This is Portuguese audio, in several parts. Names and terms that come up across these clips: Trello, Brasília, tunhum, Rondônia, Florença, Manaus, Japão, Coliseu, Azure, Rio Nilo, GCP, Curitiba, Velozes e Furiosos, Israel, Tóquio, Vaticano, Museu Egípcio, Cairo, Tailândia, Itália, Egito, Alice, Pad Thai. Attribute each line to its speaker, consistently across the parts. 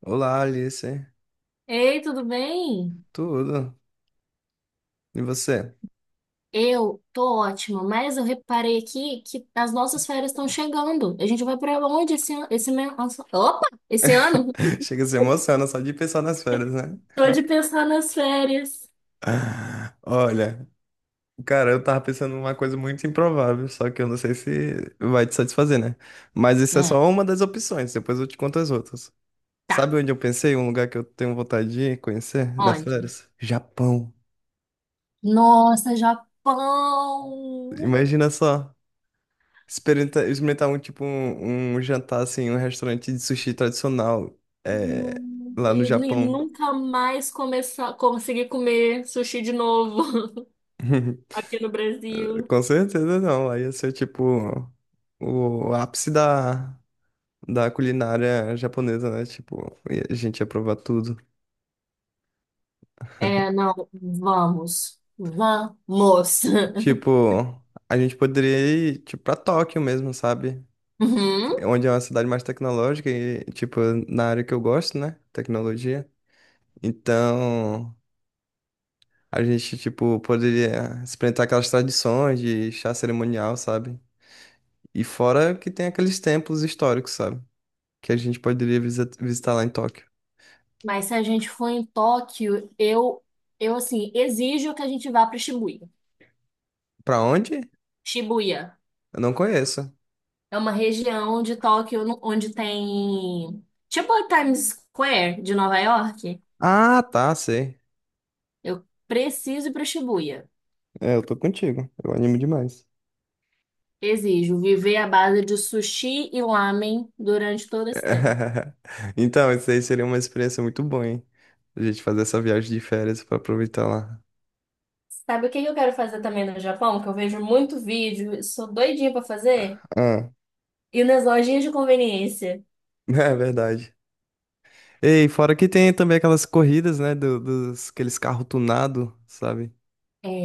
Speaker 1: Olá, Alice.
Speaker 2: Ei, tudo bem?
Speaker 1: Tudo? E você?
Speaker 2: Eu tô ótima, mas eu reparei aqui que as nossas férias estão chegando. A gente vai pra onde esse ano? Opa! Esse ano?
Speaker 1: Chega a se emociona só de pensar nas férias, né?
Speaker 2: Tô de pensar nas férias.
Speaker 1: Olha, cara, eu tava pensando numa coisa muito improvável, só que eu não sei se vai te satisfazer, né? Mas isso é
Speaker 2: Hum,
Speaker 1: só uma das opções, depois eu te conto as outras.
Speaker 2: tá.
Speaker 1: Sabe onde eu pensei? Um lugar que eu tenho vontade de ir conhecer nas
Speaker 2: Onde?
Speaker 1: férias? Japão.
Speaker 2: Nossa, Japão!
Speaker 1: Imagina só. Experimentar, um jantar assim, um restaurante de sushi tradicional é, lá no
Speaker 2: Eu nem-
Speaker 1: Japão.
Speaker 2: nunca mais começar, conseguir comer sushi de novo aqui no Brasil.
Speaker 1: Com certeza não. Aí ia ser tipo o ápice da culinária japonesa, né? Tipo, e a gente ia provar tudo.
Speaker 2: É, não, vamos. Vamos!
Speaker 1: Tipo, a gente poderia ir tipo, pra Tóquio mesmo, sabe?
Speaker 2: Uhum.
Speaker 1: Onde é uma cidade mais tecnológica e, tipo, na área que eu gosto, né? Tecnologia. Então, a gente, tipo, poderia experimentar aquelas tradições de chá cerimonial, sabe? E fora que tem aqueles templos históricos, sabe? Que a gente poderia visitar lá em Tóquio.
Speaker 2: Mas se a gente for em Tóquio, eu assim, exijo que a gente vá para Shibuya.
Speaker 1: Pra onde?
Speaker 2: Shibuya
Speaker 1: Eu não conheço.
Speaker 2: é uma região de Tóquio onde tem tipo a Times Square de Nova York.
Speaker 1: Ah, tá, sei.
Speaker 2: Eu preciso ir para Shibuya.
Speaker 1: É, eu tô contigo. Eu animo demais.
Speaker 2: Exijo viver à base de sushi e lamen durante todo esse tempo.
Speaker 1: Então, isso aí seria uma experiência muito boa, hein? A gente fazer essa viagem de férias pra aproveitar lá.
Speaker 2: Sabe o que eu quero fazer também no Japão? Que eu vejo muito vídeo, eu sou doidinha para fazer?
Speaker 1: Ah,
Speaker 2: Ir nas lojinhas de conveniência.
Speaker 1: é verdade. Ei, fora que tem também aquelas corridas, né? dos, aqueles carros tunados, sabe?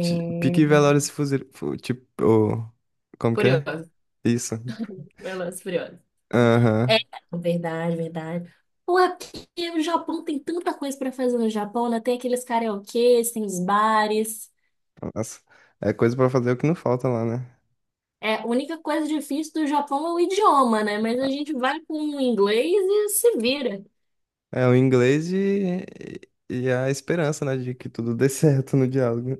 Speaker 1: Pique Velozes e Furiosos. Tipo, ô, como que é?
Speaker 2: Curioso,
Speaker 1: Isso.
Speaker 2: curioso, curioso. É,
Speaker 1: Aham.
Speaker 2: verdade, verdade. Pô, é porque o Japão tem tanta coisa pra fazer no Japão, né? Tem aqueles karaokês, tem os bares.
Speaker 1: Nossa. É coisa pra fazer o que não falta lá, né?
Speaker 2: É, a única coisa difícil do Japão é o idioma, né? Mas a gente vai com o inglês e se vira.
Speaker 1: É o inglês e a esperança, né, de que tudo dê certo no diálogo.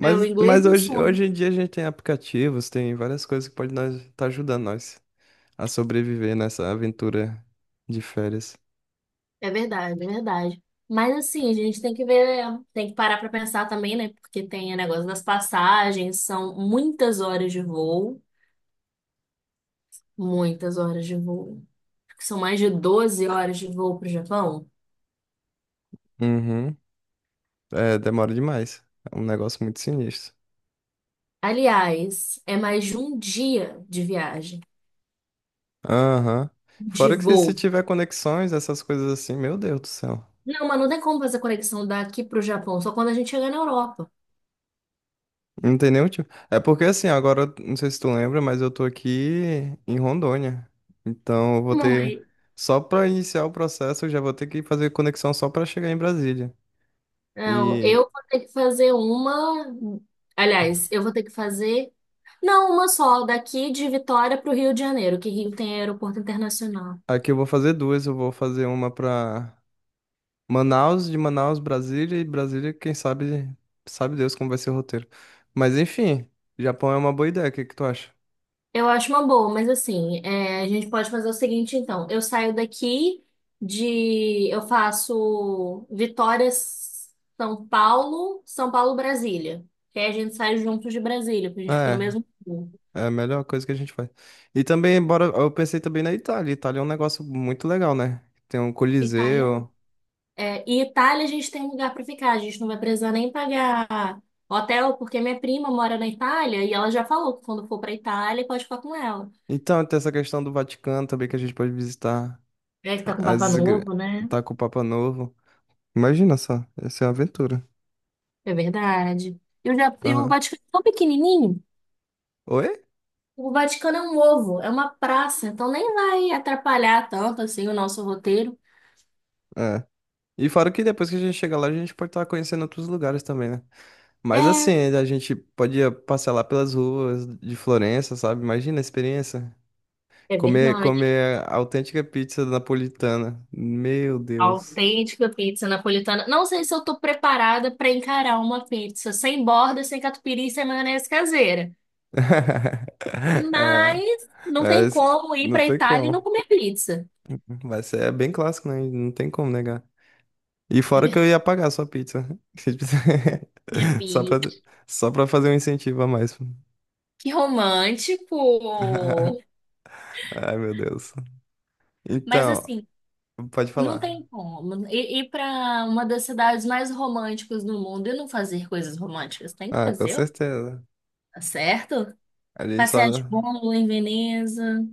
Speaker 2: É, o inglês
Speaker 1: mas
Speaker 2: é um
Speaker 1: hoje,
Speaker 2: sonho.
Speaker 1: hoje em dia a gente tem aplicativos, tem várias coisas que podem nós estar tá ajudando nós a sobreviver nessa aventura de férias.
Speaker 2: É verdade, é verdade. Mas assim, a gente tem que ver, tem que parar pra pensar também, né? Porque tem o negócio das passagens, são muitas horas de voo, muitas horas de voo. Acho que são mais de 12 horas de voo pro Japão.
Speaker 1: Uhum. É, demora demais. É um negócio muito sinistro.
Speaker 2: Aliás, é mais de um dia de viagem,
Speaker 1: Aham.
Speaker 2: de
Speaker 1: Fora que se
Speaker 2: voo.
Speaker 1: tiver conexões, essas coisas assim, meu Deus do céu.
Speaker 2: Não, mas não tem como fazer conexão daqui para o Japão, só quando a gente chegar na Europa.
Speaker 1: Não tem nenhum tipo. É porque assim, agora, não sei se tu lembra, mas eu tô aqui em Rondônia. Então eu vou
Speaker 2: Não,
Speaker 1: ter.
Speaker 2: mas
Speaker 1: Só pra iniciar o processo, eu já vou ter que fazer conexão só pra chegar em Brasília.
Speaker 2: não, eu
Speaker 1: E
Speaker 2: vou ter que fazer uma. Aliás, eu vou ter que fazer. Não, uma só, daqui de Vitória para o Rio de Janeiro, que Rio tem aeroporto internacional.
Speaker 1: aqui eu vou fazer duas. Eu vou fazer uma pra Manaus, de Manaus, Brasília, e Brasília, quem sabe, sabe Deus como vai ser o roteiro. Mas enfim, Japão é uma boa ideia, o que que tu acha?
Speaker 2: Eu acho uma boa, mas assim, é, a gente pode fazer o seguinte, então. Eu saio daqui de. Eu faço Vitória, São Paulo, São Paulo, Brasília. Que aí a gente sai juntos de Brasília, porque a gente fica no
Speaker 1: É.
Speaker 2: mesmo voo.
Speaker 1: É a melhor coisa que a gente faz. E também, bora, eu pensei também na Itália. Itália é um negócio muito legal, né? Tem um
Speaker 2: Itália.
Speaker 1: Coliseu.
Speaker 2: É, e Itália a gente tem lugar para ficar, a gente não vai precisar nem pagar hotel, porque minha prima mora na Itália e ela já falou que quando for para Itália pode ficar com ela.
Speaker 1: Então, tem essa questão do Vaticano também que a gente pode visitar.
Speaker 2: É que tá com Papa
Speaker 1: As igre...
Speaker 2: Novo, né?
Speaker 1: Tá com o Papa Novo. Imagina só, essa é uma aventura.
Speaker 2: É verdade. E e o
Speaker 1: Aham.
Speaker 2: Vaticano é tão pequenininho.
Speaker 1: Oi?
Speaker 2: O Vaticano é um ovo, é uma praça, então nem vai atrapalhar tanto assim o nosso roteiro.
Speaker 1: É. E fora que depois que a gente chega lá, a gente pode estar conhecendo outros lugares também, né? Mas
Speaker 2: É,
Speaker 1: assim, a gente podia passear lá pelas ruas de Florença, sabe? Imagina a experiência.
Speaker 2: é
Speaker 1: Comer,
Speaker 2: verdade.
Speaker 1: comer a autêntica pizza napolitana. Meu Deus.
Speaker 2: Autêntica pizza napolitana. Não sei se eu tô preparada para encarar uma pizza sem borda, sem catupiry, sem maionese caseira.
Speaker 1: É,
Speaker 2: Mas não
Speaker 1: é,
Speaker 2: tem
Speaker 1: s-
Speaker 2: como ir
Speaker 1: não
Speaker 2: para
Speaker 1: tem
Speaker 2: Itália e não
Speaker 1: como.
Speaker 2: comer pizza.
Speaker 1: Vai ser é bem clássico, né? Não tem como negar. E
Speaker 2: É
Speaker 1: fora que eu
Speaker 2: verdade.
Speaker 1: ia pagar a sua pizza.
Speaker 2: Minha
Speaker 1: Só pra,
Speaker 2: pizza.
Speaker 1: só pra fazer um incentivo a mais.
Speaker 2: Que romântico.
Speaker 1: Ai, meu Deus.
Speaker 2: Mas
Speaker 1: Então,
Speaker 2: assim,
Speaker 1: pode
Speaker 2: não
Speaker 1: falar.
Speaker 2: tem como. Ir para uma das cidades mais românticas do mundo e não fazer coisas românticas. Tem que
Speaker 1: Ah, com
Speaker 2: fazer,
Speaker 1: certeza.
Speaker 2: tá certo?
Speaker 1: A gente só.
Speaker 2: Passear de bolo em Veneza.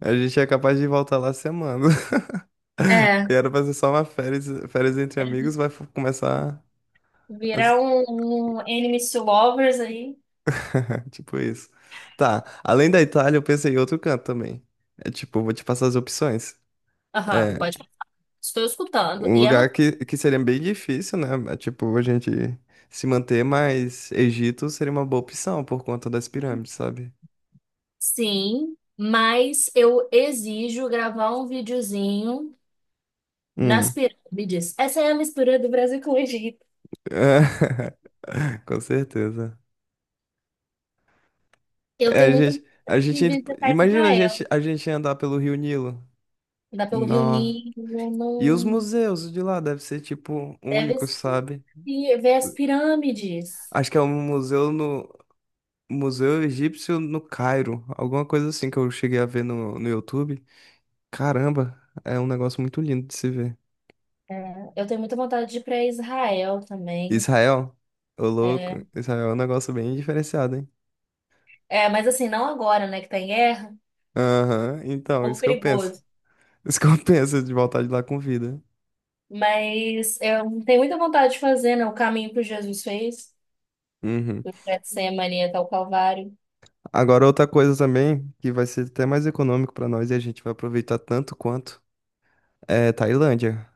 Speaker 1: A gente é capaz de voltar lá semana.
Speaker 2: É.
Speaker 1: E era pra ser só uma férias, férias entre amigos, começar.
Speaker 2: Virar um enemies to lovers aí.
Speaker 1: Tipo isso. Tá, além da Itália, eu pensei em outro canto também. É tipo, vou te passar as opções.
Speaker 2: Aham,
Speaker 1: É,
Speaker 2: pode. Estou escutando.
Speaker 1: um
Speaker 2: E
Speaker 1: lugar
Speaker 2: ano
Speaker 1: que seria bem difícil, né? É, tipo, a gente se manter, mas Egito seria uma boa opção por conta das pirâmides, sabe?
Speaker 2: Sim, mas eu exijo gravar um videozinho nas
Speaker 1: Hum.
Speaker 2: pirâmides. Essa é a mistura do Brasil com o Egito.
Speaker 1: Com certeza.
Speaker 2: Eu
Speaker 1: É,
Speaker 2: tenho muito vontade de visitar
Speaker 1: imagina a
Speaker 2: Israel.
Speaker 1: gente, a gente andar pelo Rio Nilo.
Speaker 2: Dá pelo Rio
Speaker 1: Nossa.
Speaker 2: Nilo,
Speaker 1: E os
Speaker 2: não...
Speaker 1: museus de lá devem ser, tipo,
Speaker 2: deve
Speaker 1: únicos,
Speaker 2: ser-
Speaker 1: sabe?
Speaker 2: e ver as pirâmides.
Speaker 1: Acho que é um museu no, Museu Egípcio no Cairo, alguma coisa assim que eu cheguei a ver no YouTube. Caramba, é um negócio muito lindo de se ver.
Speaker 2: É, eu tenho muita vontade de ir para Israel também.
Speaker 1: Israel, ô louco,
Speaker 2: É,
Speaker 1: Israel é um negócio bem diferenciado, hein?
Speaker 2: é, mas assim, não agora, né, que tá em guerra, um
Speaker 1: Aham, então,
Speaker 2: pouco
Speaker 1: isso que eu penso.
Speaker 2: perigoso.
Speaker 1: Isso que eu penso de voltar de lá com vida.
Speaker 2: Mas eu tenho muita vontade de fazer, né, o caminho que o Jesus fez,
Speaker 1: Uhum.
Speaker 2: do Getsemane até o Calvário.
Speaker 1: Agora, outra coisa também, que vai ser até mais econômico pra nós e a gente vai aproveitar tanto quanto, é Tailândia.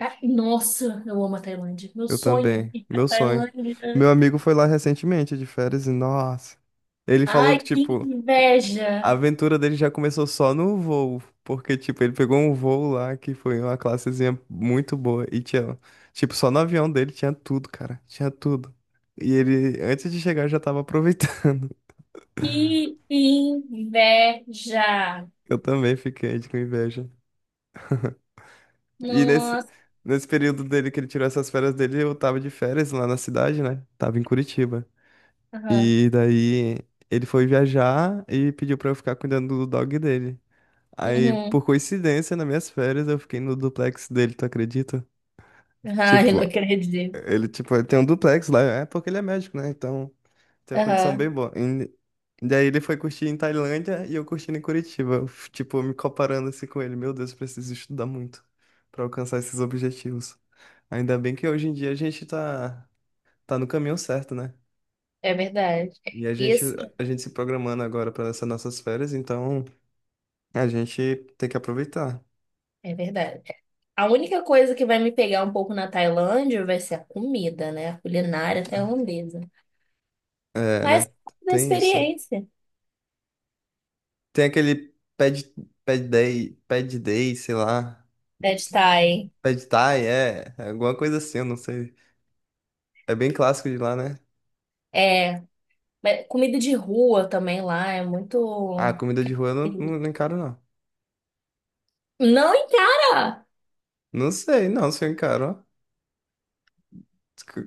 Speaker 2: Ah, nossa, eu amo a Tailândia. Meu
Speaker 1: Eu
Speaker 2: sonho
Speaker 1: também,
Speaker 2: é ir pra
Speaker 1: meu sonho.
Speaker 2: Tailândia.
Speaker 1: Meu amigo foi lá recentemente de férias e, nossa, ele falou
Speaker 2: Ai,
Speaker 1: que,
Speaker 2: que
Speaker 1: tipo, a
Speaker 2: inveja!
Speaker 1: aventura dele já começou só no voo, porque, tipo, ele pegou um voo lá que foi uma classezinha muito boa e tinha, tipo, só no avião dele tinha tudo, cara, tinha tudo. E ele, antes de chegar, já tava aproveitando.
Speaker 2: Que inveja!
Speaker 1: Eu também fiquei com inveja. E
Speaker 2: Nossa!
Speaker 1: nesse período dele que ele tirou essas férias dele, eu tava de férias lá na cidade, né? Tava em Curitiba.
Speaker 2: Aham.
Speaker 1: E daí ele foi viajar e pediu pra eu ficar cuidando do dog dele. Aí,
Speaker 2: Uhum.
Speaker 1: por coincidência, nas minhas férias, eu fiquei no duplex dele, tu acredita?
Speaker 2: Ai,
Speaker 1: Tipo,
Speaker 2: não acredito.
Speaker 1: ele tem um duplex lá, é porque ele é médico, né? Então, tem uma condição bem
Speaker 2: Aham,
Speaker 1: boa. E daí ele foi curtir em Tailândia e eu curtindo em Curitiba. Eu, tipo, me comparando assim com ele. Meu Deus, eu preciso estudar muito pra alcançar esses objetivos. Ainda bem que hoje em dia tá no caminho certo, né?
Speaker 2: é verdade.
Speaker 1: E
Speaker 2: E
Speaker 1: a gente se programando agora para essas nossas férias, então a gente tem que aproveitar.
Speaker 2: é verdade. A única coisa que vai me pegar um pouco na Tailândia vai ser a comida, né? A culinária tailandesa.
Speaker 1: É,
Speaker 2: Mas
Speaker 1: né?
Speaker 2: da
Speaker 1: Tem isso.
Speaker 2: experiência
Speaker 1: Tem aquele pad day, sei lá.
Speaker 2: da Thai.
Speaker 1: Pad Thai, é, é alguma coisa assim, eu não sei. É bem clássico de lá, né?
Speaker 2: É, mas comida de rua também lá é
Speaker 1: Ah,
Speaker 2: muito.
Speaker 1: comida de rua eu não encaro, não.
Speaker 2: Não encara!
Speaker 1: Não sei, não, se eu encaro, ó.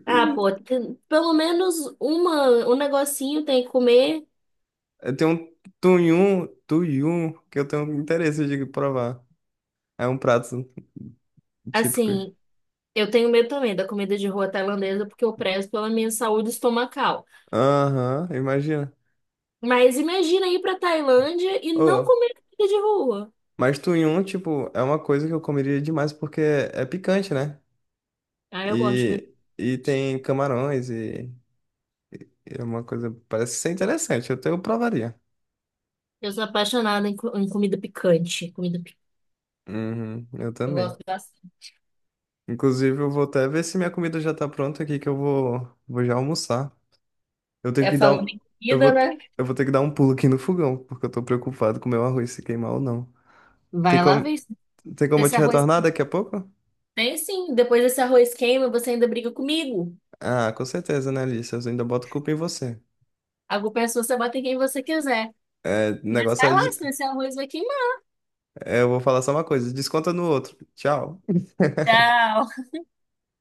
Speaker 2: Ah, pô, pelo menos um negocinho tem que comer.
Speaker 1: Eu tenho um tuyum, que eu tenho interesse de provar. É um prato típico.
Speaker 2: Assim, eu tenho medo também da comida de rua tailandesa porque eu prezo pela minha saúde estomacal.
Speaker 1: Aham, imagina.
Speaker 2: Mas imagina ir pra Tailândia e não
Speaker 1: Oh,
Speaker 2: comer comida de rua.
Speaker 1: mas tunhum, tipo, é uma coisa que eu comeria demais porque é picante, né?
Speaker 2: Ah, eu gosto muito.
Speaker 1: E tem camarões e é uma coisa, parece ser interessante, eu provaria.
Speaker 2: Eu sou apaixonada em comida picante. Comida picante.
Speaker 1: Uhum, eu
Speaker 2: Eu gosto
Speaker 1: também.
Speaker 2: bastante.
Speaker 1: Inclusive, eu vou até ver se minha comida já tá pronta aqui, que vou já almoçar. Eu tenho
Speaker 2: É
Speaker 1: que dar
Speaker 2: falando
Speaker 1: um,
Speaker 2: em
Speaker 1: eu
Speaker 2: comida,
Speaker 1: vou,
Speaker 2: né?
Speaker 1: eu vou ter que dar um pulo aqui no fogão, porque eu tô preocupado com o meu arroz se queimar ou não. Tem
Speaker 2: Vai lá
Speaker 1: como,
Speaker 2: ver se
Speaker 1: tem como eu
Speaker 2: esse
Speaker 1: te
Speaker 2: arroz
Speaker 1: retornar daqui a pouco?
Speaker 2: tem sim. Depois desse arroz queima, você ainda briga comigo.
Speaker 1: Ah, com certeza, né, Alice? Eu ainda boto culpa em você.
Speaker 2: A culpa é sua, você bate em quem você quiser.
Speaker 1: É, o
Speaker 2: Mas
Speaker 1: negócio
Speaker 2: vai
Speaker 1: é,
Speaker 2: lá, senão
Speaker 1: des-
Speaker 2: esse arroz vai queimar.
Speaker 1: é, eu vou falar só uma coisa, desconta no outro. Tchau.
Speaker 2: Tchau.